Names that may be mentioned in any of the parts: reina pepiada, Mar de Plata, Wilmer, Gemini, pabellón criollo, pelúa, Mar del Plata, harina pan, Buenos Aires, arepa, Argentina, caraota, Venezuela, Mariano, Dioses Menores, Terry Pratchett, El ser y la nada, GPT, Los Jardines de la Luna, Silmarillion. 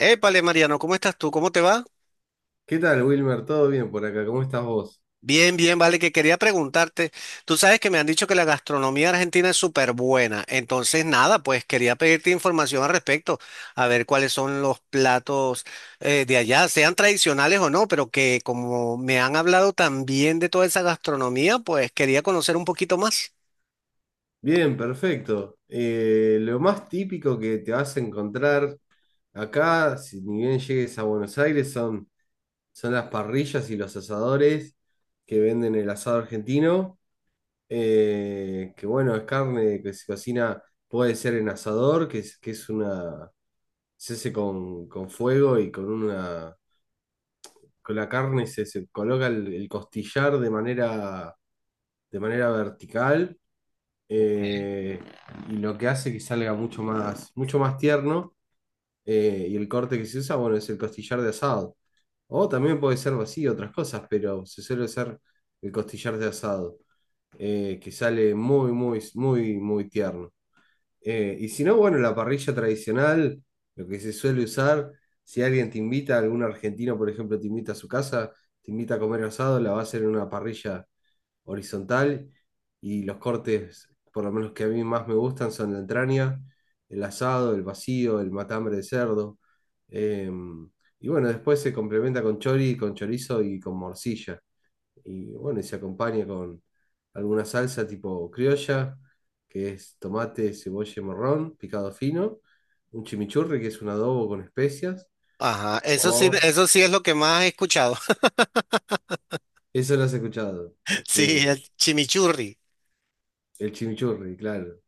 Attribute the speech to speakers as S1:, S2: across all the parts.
S1: Épale, Mariano, ¿cómo estás tú? ¿Cómo te va?
S2: ¿Qué tal, Wilmer? ¿Todo bien por acá? ¿Cómo estás vos?
S1: Bien, bien, vale, que quería preguntarte. Tú sabes que me han dicho que la gastronomía argentina es súper buena. Entonces, nada, pues quería pedirte información al respecto, a ver cuáles son los platos de allá, sean tradicionales o no, pero que como me han hablado también de toda esa gastronomía, pues quería conocer un poquito más.
S2: Bien, perfecto. Lo más típico que te vas a encontrar acá, si ni bien llegues a Buenos Aires, son las parrillas y los asadores que venden el asado argentino. Que bueno, es carne que se cocina, puede ser en asador, que es una, se hace con fuego y con una, con la carne se coloca el costillar de manera vertical. eh, y lo que hace que salga mucho más tierno. Y el corte que se usa, bueno, es el costillar de asado. O también puede ser vacío, otras cosas, pero se suele usar el costillar de asado, que sale muy tierno. Y si no, bueno, la parrilla tradicional, lo que se suele usar, si alguien te invita, algún argentino, por ejemplo, te invita a su casa, te invita a comer asado, la va a hacer en una parrilla horizontal, y los cortes, por lo menos que a mí más me gustan, son la entraña, el asado, el vacío, el matambre de cerdo. eh, y bueno, después se complementa con chorizo y con morcilla. Y bueno, y se acompaña con alguna salsa tipo criolla, que es tomate, cebolla y morrón, picado fino, un chimichurri, que es un adobo con especias.
S1: Ajá,
S2: Oh.
S1: eso sí es lo que más he escuchado.
S2: Eso lo has escuchado.
S1: Sí,
S2: Bien.
S1: el chimichurri.
S2: El chimichurri, claro.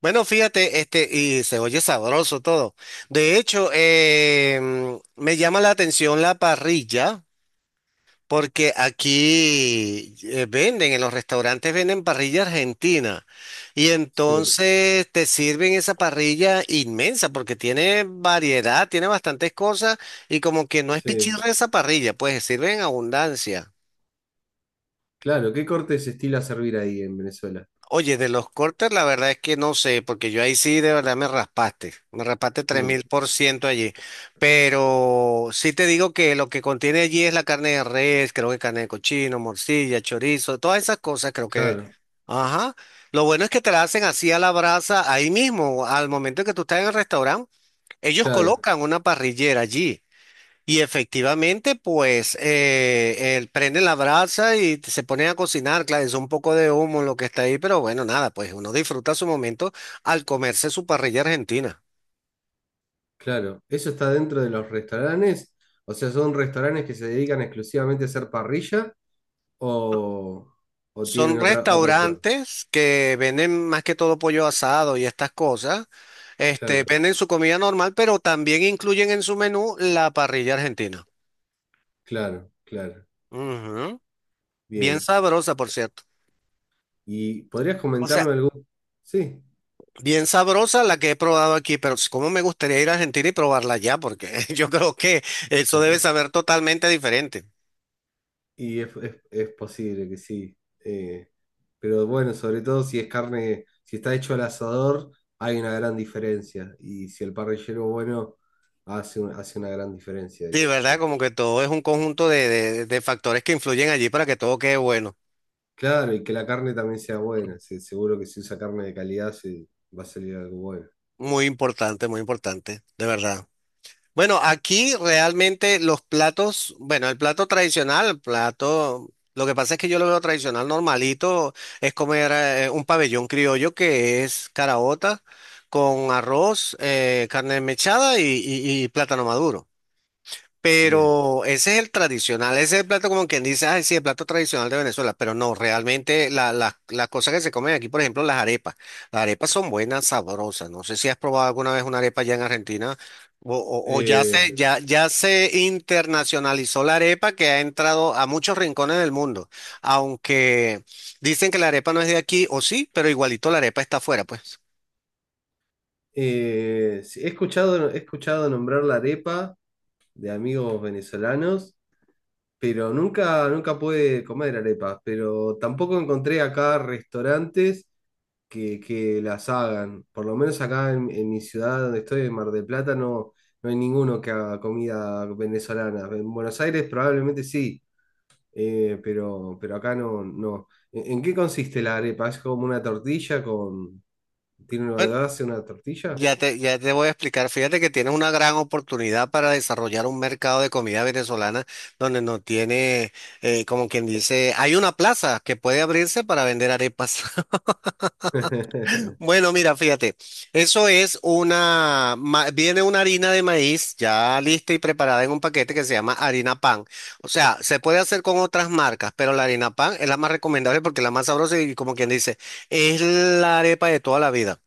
S1: Bueno, fíjate, este, y se oye sabroso todo. De hecho, me llama la atención la parrilla, porque aquí venden, en los restaurantes venden parrilla argentina. Y
S2: Sí,
S1: entonces te sirven esa parrilla inmensa, porque tiene variedad, tiene bastantes cosas, y como que no es
S2: sí.
S1: pichirra esa parrilla, pues sirve en abundancia.
S2: Claro, ¿qué corte se estila a servir ahí en Venezuela?
S1: Oye, de los cortes, la verdad es que no sé, porque yo ahí sí de verdad me raspaste tres
S2: Mm,
S1: mil por ciento allí. Pero sí te digo que lo que contiene allí es la carne de res, creo que carne de cochino, morcilla, chorizo, todas esas cosas, creo que.
S2: claro,
S1: Ajá. Lo bueno es que te la hacen así a la brasa ahí mismo, al momento que tú estás en el restaurante, ellos
S2: claro,
S1: colocan una parrillera allí. Y efectivamente, pues él prende la brasa y se pone a cocinar. Claro, es un poco de humo lo que está ahí, pero bueno, nada, pues uno disfruta su momento al comerse su parrilla argentina.
S2: claro. ¿Eso está dentro de los restaurantes? O sea, ¿son restaurantes que se dedican exclusivamente a hacer parrilla o, o
S1: Son
S2: tienen otros platos?
S1: restaurantes que venden más que todo pollo asado y estas cosas. Este,
S2: Claro,
S1: venden su comida normal, pero también incluyen en su menú la parrilla argentina.
S2: claro, claro.
S1: Ujú. Bien
S2: Bien.
S1: sabrosa, por cierto.
S2: ¿Y podrías
S1: O sea,
S2: comentarme algún? Sí.
S1: bien sabrosa la que he probado aquí, pero cómo me gustaría ir a Argentina y probarla allá, porque yo creo que eso debe saber totalmente diferente.
S2: Y es posible que sí. eh, pero bueno, sobre todo si es carne, si está hecho al asador, hay una gran diferencia. Y si el parrillero bueno hace, hace una gran diferencia
S1: Sí,
S2: eso,
S1: ¿verdad?
S2: sí.
S1: Como que todo es un conjunto de, de factores que influyen allí para que todo quede bueno.
S2: Claro, y que la carne también sea buena. Sí, seguro que si usa carne de calidad se va a salir algo bueno.
S1: Muy importante, de verdad. Bueno, aquí realmente los platos, bueno, el plato tradicional, el plato, lo que pasa es que yo lo veo tradicional normalito, es comer un pabellón criollo que es caraota con arroz, carne mechada y plátano maduro.
S2: Bien.
S1: Pero ese es el tradicional, ese es el plato como quien dice, ay, sí, el plato tradicional de Venezuela, pero no, realmente las cosas que se comen aquí, por ejemplo, las arepas son buenas, sabrosas, no sé si has probado alguna vez una arepa allá en Argentina o ya
S2: Eh,
S1: se, ya se internacionalizó la arepa que ha entrado a muchos rincones del mundo, aunque dicen que la arepa no es de aquí, o sí, pero igualito la arepa está afuera, pues.
S2: sí, he escuchado nombrar la arepa de amigos venezolanos. Pero nunca pude comer arepas, pero tampoco encontré acá restaurantes que las hagan. Por lo menos acá en mi ciudad donde estoy, en Mar del Plata, no, no hay ninguno que haga comida venezolana. En Buenos Aires probablemente sí, pero acá no, no. En qué consiste la arepa? ¿Es como una tortilla con... ¿Tiene una
S1: Bueno,
S2: base una tortilla?
S1: ya te, ya te voy a explicar. Fíjate que tienes una gran oportunidad para desarrollar un mercado de comida venezolana donde no tiene, como quien dice, hay una plaza que puede abrirse para vender arepas. Bueno, mira, fíjate, eso es una, viene una harina de maíz ya lista y preparada en un paquete que se llama harina pan. O sea, se puede hacer con otras marcas, pero la harina pan es la más recomendable porque es la más sabrosa y como quien dice, es la arepa de toda la vida.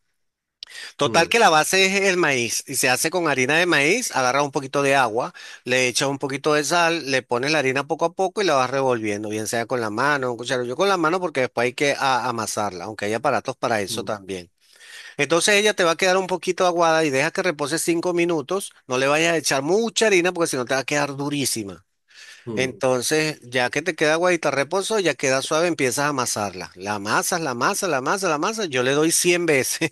S1: Total
S2: Mm,
S1: que la base es el maíz y se hace con harina de maíz, agarras un poquito de agua, le echas un poquito de sal, le pones la harina poco a poco y la vas revolviendo, bien sea con la mano, un cucharo. Yo con la mano porque después hay que amasarla, aunque hay aparatos para eso
S2: mm,
S1: también. Entonces ella te va a quedar un poquito aguada y deja que repose 5 minutos, no le vayas a echar mucha harina porque si no te va a quedar durísima.
S2: mm,
S1: Entonces, ya que te queda aguadita reposo, ya queda suave, empiezas a amasarla. La amasas, la amasas, la amasas, la amasas. Yo le doy 100 veces.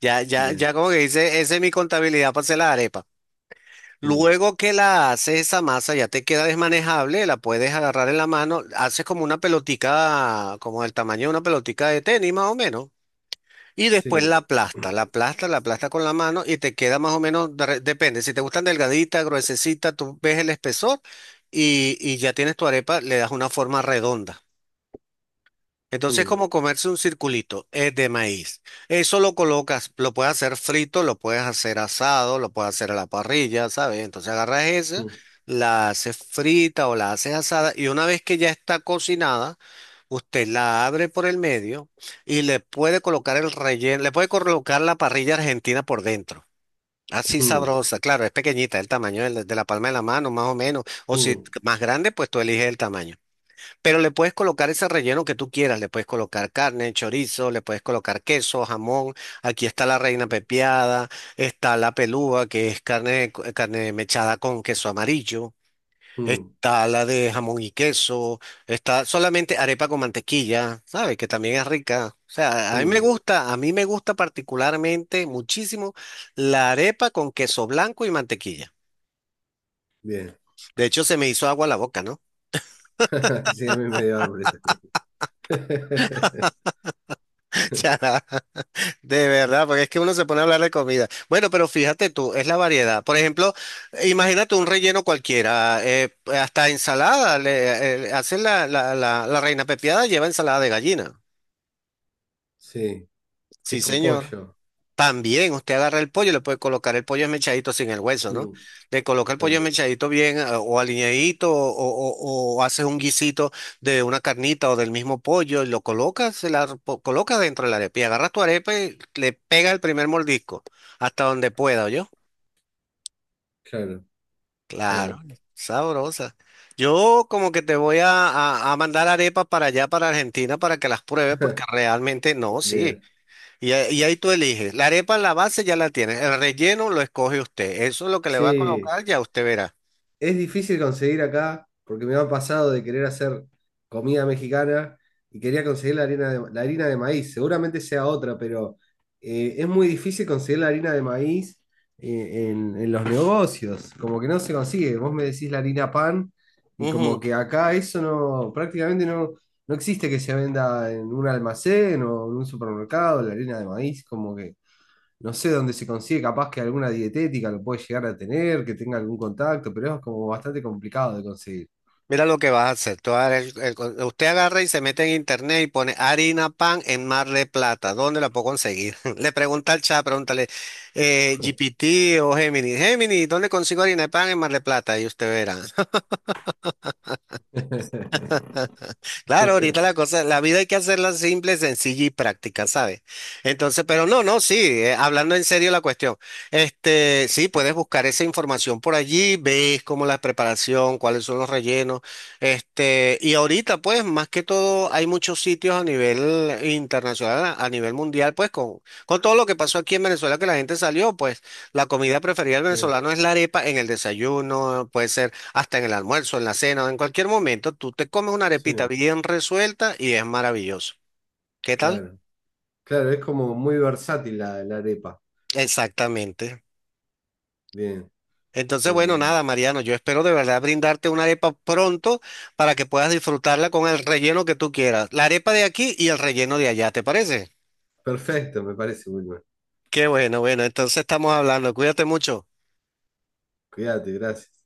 S1: Ya, ya,
S2: bien.
S1: ya como que dice, esa es mi contabilidad para hacer la arepa.
S2: mm,
S1: Luego que la haces esa masa, ya te queda desmanejable, la puedes agarrar en la mano, haces como una pelotica, como del tamaño de una pelotica de tenis más o menos, y después
S2: sí.
S1: la aplasta, la aplasta, la aplasta con la mano y te queda más o menos, de depende, si te gustan delgadita, gruesecita, tú ves el espesor y ya tienes tu arepa, le das una forma redonda. Entonces,
S2: Mm,
S1: como comerse un circulito, es de maíz. Eso lo colocas, lo puedes hacer frito, lo puedes hacer asado, lo puedes hacer a la parrilla, ¿sabes? Entonces agarras esa,
S2: mm,
S1: la haces frita o la haces asada y una vez que ya está cocinada, usted la abre por el medio y le puede colocar el relleno, le puede colocar la parrilla argentina por dentro. Así
S2: mm.
S1: sabrosa, claro, es pequeñita, el tamaño de la palma de la mano, más o menos. O si
S2: Mm,
S1: más grande, pues tú eliges el tamaño. Pero le puedes colocar ese relleno que tú quieras, le puedes colocar carne, chorizo, le puedes colocar queso, jamón, aquí está la reina pepiada, está la pelúa, que es carne, carne mechada con queso amarillo,
S2: mm,
S1: está la de jamón y queso, está solamente arepa con mantequilla, ¿sabes? Que también es rica. O sea, a mí me
S2: mm.
S1: gusta, a mí me gusta particularmente muchísimo la arepa con queso blanco y mantequilla.
S2: Bien.
S1: De hecho, se me hizo agua la boca, ¿no?
S2: Sí, a mí me dio hambre también.
S1: Ya. De verdad, porque es que uno se pone a hablar de comida. Bueno, pero fíjate tú, es la variedad. Por ejemplo, imagínate un relleno cualquiera, hasta ensalada, le, hacen la reina pepiada lleva ensalada de gallina.
S2: Sí, que
S1: Sí,
S2: es con
S1: señor.
S2: pollo.
S1: También usted agarra el pollo, y le puede colocar el pollo esmechadito sin el hueso, ¿no?
S2: Mm,
S1: Le coloca el pollo
S2: claro,
S1: esmechadito bien o aliñadito o haces un guisito de una carnita o del mismo pollo y lo colocas, colocas dentro de la arepa y agarras tu arepa y le pegas el primer mordisco hasta donde pueda, yo
S2: claro,
S1: Claro,
S2: claro.
S1: sabrosa. Yo como que te voy a, a mandar arepas para allá, para Argentina, para que las pruebes porque realmente no, sí.
S2: Bien.
S1: Y ahí tú eliges. La arepa, la base ya la tienes. El relleno lo escoge usted. Eso es lo que le va a
S2: Sí.
S1: colocar, ya usted verá.
S2: Es difícil conseguir acá, porque me ha pasado de querer hacer comida mexicana y quería conseguir la harina la harina de maíz. Seguramente sea otra, pero es muy difícil conseguir la harina de maíz en los negocios. Como que no se consigue. Vos me decís la harina pan y como
S1: Ujú.
S2: que acá eso no, prácticamente no, no existe que se venda en un almacén o en un supermercado, la harina de maíz, como que no sé dónde se consigue, capaz que alguna dietética lo puede llegar a tener, que tenga algún contacto, pero es como bastante complicado de conseguir.
S1: Mira lo que vas a hacer. Tú agarra usted agarra y se mete en internet y pone harina pan en Mar de Plata. ¿Dónde la puedo conseguir? Le pregunta al chat, pregúntale GPT o Gemini. Gemini, ¿dónde consigo harina de pan en Mar de Plata? Y usted verá. Claro, ahorita la cosa, la vida hay que hacerla simple, sencilla y práctica, ¿sabes? Entonces, pero no, no, sí, hablando en serio la cuestión, este, sí, puedes buscar esa información por allí, ves cómo la preparación, cuáles son los rellenos, este, y ahorita, pues, más que todo, hay muchos sitios a nivel internacional, a nivel mundial, pues, con todo lo que pasó aquí en Venezuela, que la gente salió, pues, la comida preferida del
S2: Sí,
S1: venezolano es la arepa en el desayuno, puede ser hasta en el almuerzo, en la cena, o en cualquier momento, tú te comes una
S2: sí,
S1: arepita bien resuelta y es maravilloso. ¿Qué tal?
S2: claro. Claro, es como muy versátil la arepa.
S1: Exactamente.
S2: Bien,
S1: Entonces, bueno,
S2: Bien.
S1: nada, Mariano, yo espero de verdad brindarte una arepa pronto para que puedas disfrutarla con el relleno que tú quieras. La arepa de aquí y el relleno de allá, ¿te parece?
S2: Perfecto, me parece, Wilmer.
S1: Qué bueno, bueno, entonces estamos hablando. Cuídate mucho.
S2: Cuídate, gracias.